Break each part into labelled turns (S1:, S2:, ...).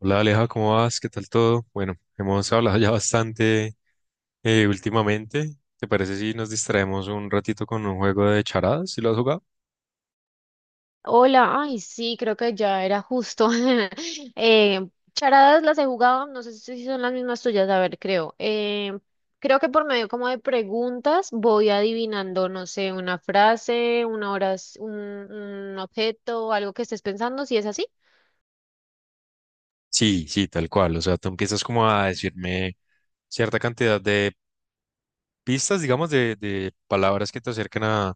S1: Hola Aleja, ¿cómo vas? ¿Qué tal todo? Bueno, hemos hablado ya bastante últimamente. ¿Te parece si nos distraemos un ratito con un juego de charadas? ¿Si lo has jugado?
S2: Hola, ay, sí, creo que ya era justo. Eh, Charadas las he jugado, no sé si son las mismas tuyas, a ver, creo. Creo que por medio como de preguntas voy adivinando, no sé, una frase, una hora, un objeto, algo que estés pensando, si es así.
S1: Sí, sí, tal cual. O sea, tú empiezas como a decirme cierta cantidad de pistas, digamos, de palabras que te acercan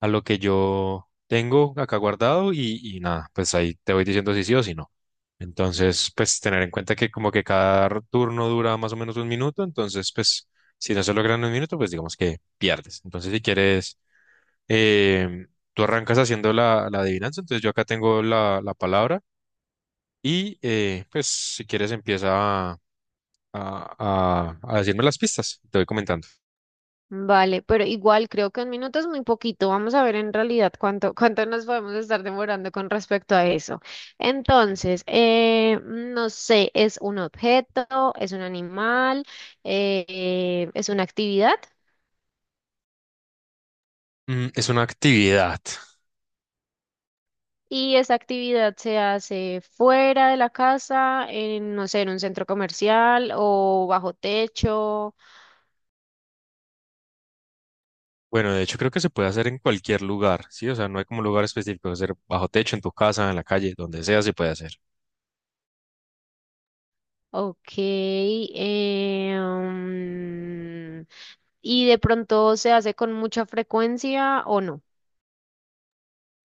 S1: a lo que yo tengo acá guardado y nada, pues ahí te voy diciendo si sí o si no. Entonces, pues tener en cuenta que como que cada turno dura más o menos un minuto, entonces pues si no se logra en un minuto, pues digamos que pierdes. Entonces, si quieres, em, tú arrancas haciendo la adivinanza, entonces yo acá tengo la palabra y pues si quieres empieza a, a decirme las pistas, te voy comentando.
S2: Vale, pero igual creo que un minuto es muy poquito. Vamos a ver en realidad cuánto nos podemos estar demorando con respecto a eso. Entonces, no sé, ¿es un objeto, es un animal, es una actividad?
S1: Mm, es una actividad.
S2: Y esa actividad se hace fuera de la casa, en, no sé, en un centro comercial o bajo techo.
S1: Bueno, de hecho creo que se puede hacer en cualquier lugar, ¿sí? O sea, no hay como un lugar específico, hacer bajo techo, en tu casa, en la calle, donde sea se puede hacer.
S2: Ok. ¿Y de pronto se hace con mucha frecuencia o no?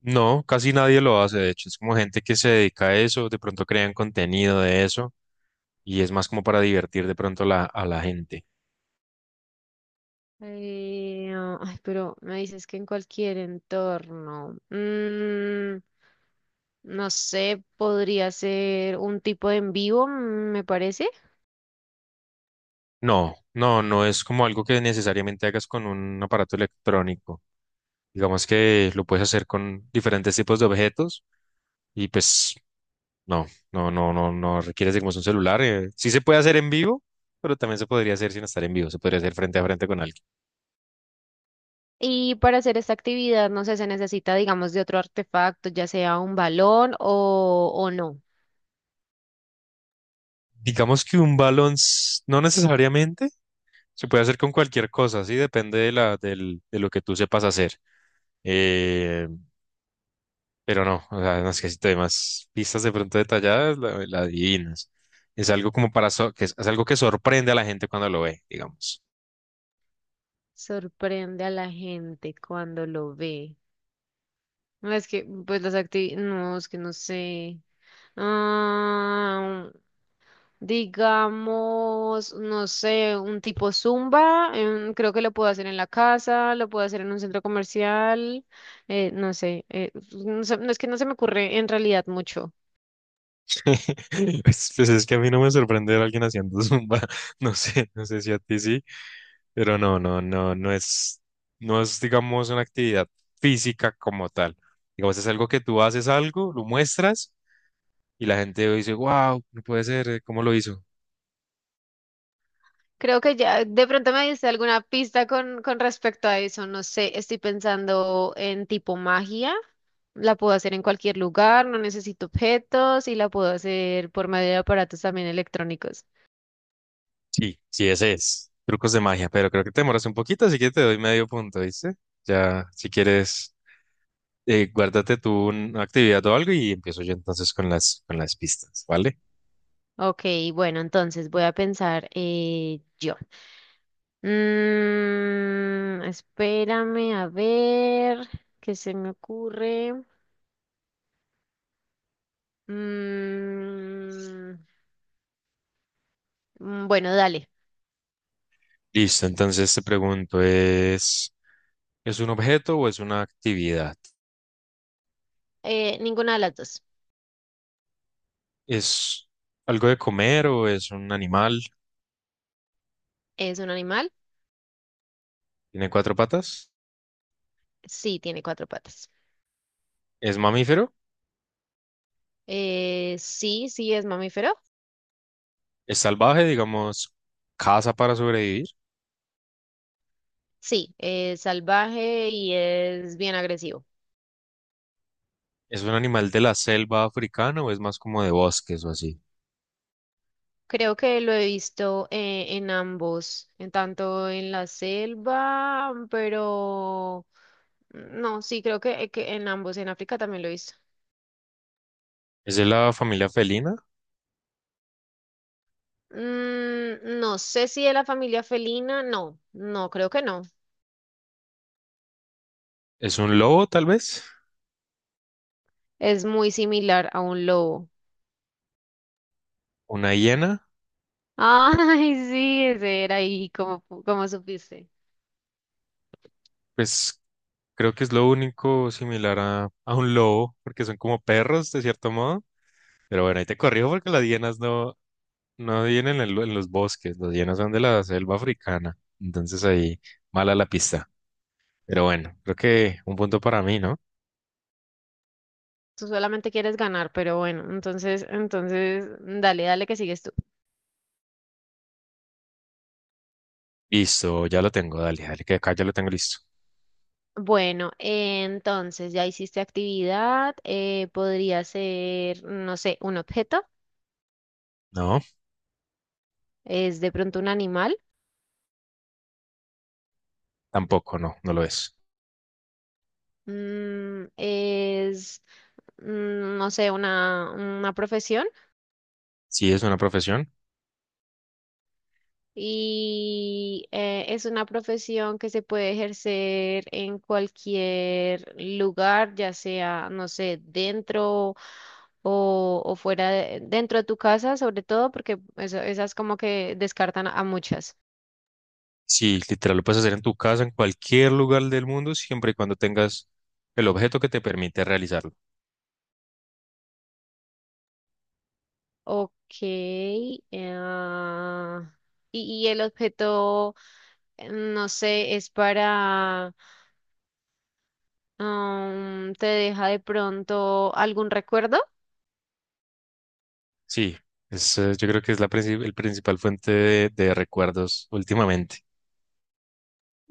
S1: No, casi nadie lo hace, de hecho, es como gente que se dedica a eso, de pronto crean contenido de eso y es más como para divertir de pronto la, a la gente.
S2: Ay, pero me dices que en cualquier entorno. No sé, podría ser un tipo de en vivo, me parece.
S1: No, no, no es como algo que necesariamente hagas con un aparato electrónico. Digamos que lo puedes hacer con diferentes tipos de objetos y pues no, no, no, no, no requiere de como es un celular. Sí se puede hacer en vivo, pero también se podría hacer sin estar en vivo. Se podría hacer frente a frente con alguien.
S2: Y para hacer esta actividad, no sé, se necesita, digamos, de otro artefacto, ya sea un balón o no.
S1: Digamos que un balón no necesariamente se puede hacer con cualquier cosa, sí, depende de de lo que tú sepas hacer. Eh, pero no, o sea, no es si te doy más pistas de pronto detalladas, la adivinas. Es algo como para es algo que sorprende a la gente cuando lo ve, digamos.
S2: Sorprende a la gente cuando lo ve. No, es que, pues las actividades, no, es que no sé. Ah, Digamos, no sé, un tipo Zumba, creo que lo puedo hacer en la casa, lo puedo hacer en un centro comercial, no es que no se me ocurre en realidad mucho.
S1: Pues es que a mí no me sorprende ver a alguien haciendo zumba. No sé, no sé si a ti sí. Pero no, no, no, no es, no es, digamos, una actividad física como tal. Digamos, es algo que tú haces algo, lo muestras y la gente dice, wow, no puede ser, ¿cómo lo hizo?
S2: Creo que ya de pronto me diste alguna pista con respecto a eso, no sé, estoy pensando en tipo magia, la puedo hacer en cualquier lugar, no necesito objetos y la puedo hacer por medio de aparatos también electrónicos.
S1: Sí, sí, ese es. Trucos de magia, pero creo que te demoras un poquito, así que te doy medio punto, ¿viste? Ya, si quieres, guárdate tú una actividad o algo y empiezo yo entonces con las pistas, ¿vale?
S2: Ok, bueno, entonces voy a pensar yo. Mm, espérame a ver qué se me ocurre. Mm, bueno, dale.
S1: Listo, entonces te pregunto, ¿es un objeto o es una actividad?
S2: Ninguna de las dos.
S1: ¿Es algo de comer o es un animal?
S2: ¿Es un animal?
S1: ¿Tiene cuatro patas?
S2: Sí, tiene cuatro patas.
S1: ¿Es mamífero?
S2: Sí, sí, es mamífero.
S1: ¿Es salvaje, digamos, caza para sobrevivir?
S2: Sí, es salvaje y es bien agresivo.
S1: ¿Es un animal de la selva africana o es más como de bosques o así?
S2: Creo que lo he visto en ambos, en tanto en la selva, pero no, sí, creo que en ambos, en África también lo he visto.
S1: ¿Es de la familia felina?
S2: Mm, no sé si de la familia felina, no, no, creo que no.
S1: ¿Es un lobo, tal vez?
S2: Es muy similar a un lobo.
S1: ¿Una hiena?
S2: Ay, sí, ese era ahí, como, como supiste.
S1: Pues creo que es lo único similar a un lobo, porque son como perros, de cierto modo. Pero bueno, ahí te corrijo porque las hienas no, no vienen en, en los bosques, las hienas son de la selva africana. Entonces ahí, mala la pista. Pero bueno, creo que un punto para mí, ¿no?
S2: Tú solamente quieres ganar, pero bueno, entonces, dale, dale que sigues tú.
S1: Listo, ya lo tengo, dale, dale, que acá ya lo tengo listo.
S2: Bueno, entonces ya hiciste actividad, podría ser, no sé, un objeto,
S1: No,
S2: es de pronto un animal,
S1: tampoco, no, no lo es.
S2: mm, es, no sé, una profesión.
S1: Sí, es una profesión.
S2: Y es una profesión que se puede ejercer en cualquier lugar, ya sea, no sé, dentro o, dentro de tu casa, sobre todo, porque esas como que descartan a muchas.
S1: Sí, literal, lo puedes hacer en tu casa, en cualquier lugar del mundo, siempre y cuando tengas el objeto que te permite realizarlo.
S2: Ok. ah, y, y el objeto, no sé, es para, ¿te deja de pronto algún recuerdo?
S1: Sí, es, yo creo que es la el principal fuente de recuerdos últimamente.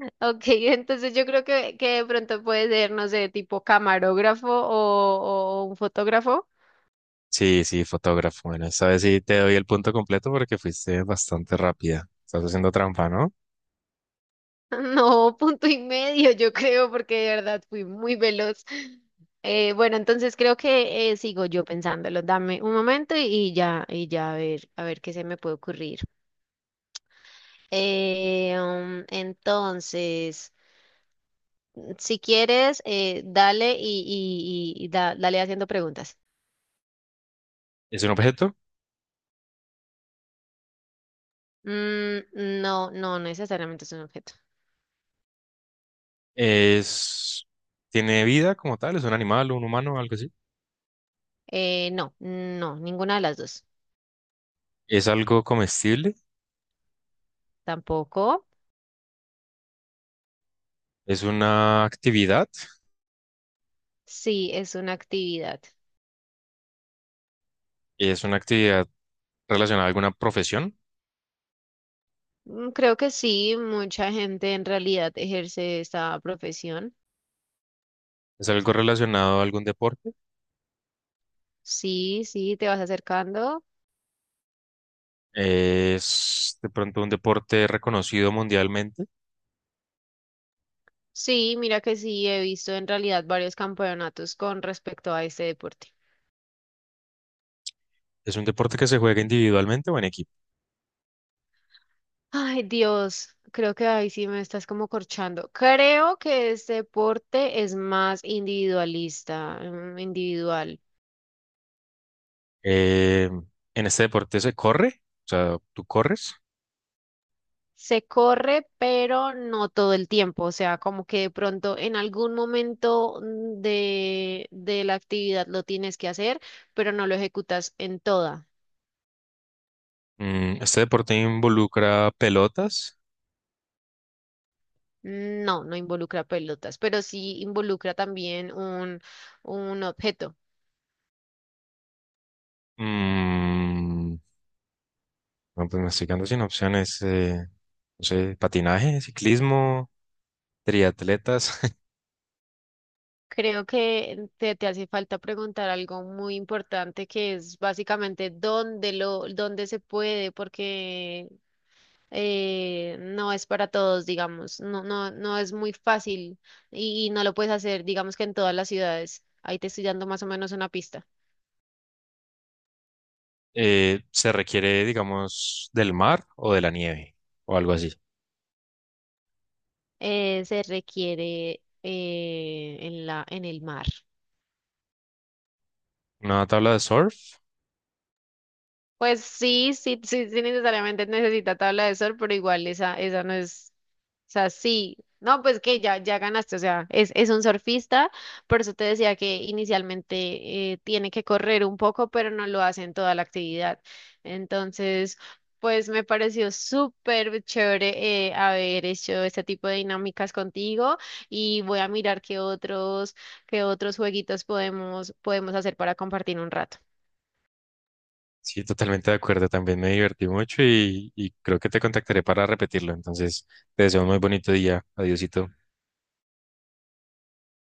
S2: Ok, entonces yo creo que de pronto puede ser, no sé, tipo camarógrafo o un fotógrafo.
S1: Sí, sí, fotógrafo. Bueno, esta vez sí te doy el punto completo porque fuiste bastante rápida. Estás haciendo trampa, ¿no?
S2: No, punto y medio, yo creo, porque de verdad fui muy veloz. Bueno, entonces creo que sigo yo pensándolo. Dame un momento y ya a ver qué se me puede ocurrir. Entonces, si quieres, dale y dale haciendo preguntas.
S1: ¿Es un objeto?
S2: Mm, no, no necesariamente es un objeto.
S1: Es, tiene vida como tal, es un animal, un humano, algo así.
S2: No, no, ninguna de las dos.
S1: Es algo comestible,
S2: Tampoco.
S1: es una actividad,
S2: Sí, es una actividad.
S1: es una actividad relacionada a alguna profesión,
S2: Creo que sí, mucha gente en realidad ejerce esta profesión.
S1: es algo relacionado a algún deporte,
S2: Sí, sí, te vas acercando.
S1: es de pronto un deporte reconocido mundialmente,
S2: Sí, mira que sí, he visto en realidad varios campeonatos con respecto a este deporte.
S1: es un deporte que se juega individualmente o en equipo.
S2: Ay, Dios, creo que ahí sí me estás como corchando. Creo que este deporte es más individualista, individual.
S1: Eh, en este deporte se corre, o sea, tú corres.
S2: Se corre, pero no todo el tiempo, o sea, como que de pronto en algún momento de la actividad lo tienes que hacer, pero no lo ejecutas en toda.
S1: Mm, este deporte involucra pelotas.
S2: No, no involucra pelotas, pero sí involucra también un objeto.
S1: mm, No, pues me estoy quedando sin opciones. No sé, patinaje, ciclismo, triatletas.
S2: Creo que te hace falta preguntar algo muy importante que es básicamente dónde se puede, porque no es para todos, digamos, no, no, no es muy fácil y no lo puedes hacer, digamos que en todas las ciudades. Ahí te estoy dando más o menos una pista.
S1: Se requiere, digamos, del mar o de la nieve o algo así.
S2: Se requiere en el mar.
S1: Una tabla de surf.
S2: Pues sí, sí, sí, sí, necesariamente necesita tabla de sol, pero igual esa no es, o sea, sí, no, pues que ya, ya ganaste, o sea, es un surfista, por eso te decía que inicialmente tiene que correr un poco, pero no lo hace en toda la actividad. Entonces, pues me pareció súper chévere haber hecho este tipo de dinámicas contigo y voy a mirar qué otros jueguitos podemos, podemos hacer para compartir un rato.
S1: Sí, totalmente de acuerdo. También me divertí mucho y creo que te contactaré para repetirlo. Entonces, te deseo un muy bonito día. Adiósito.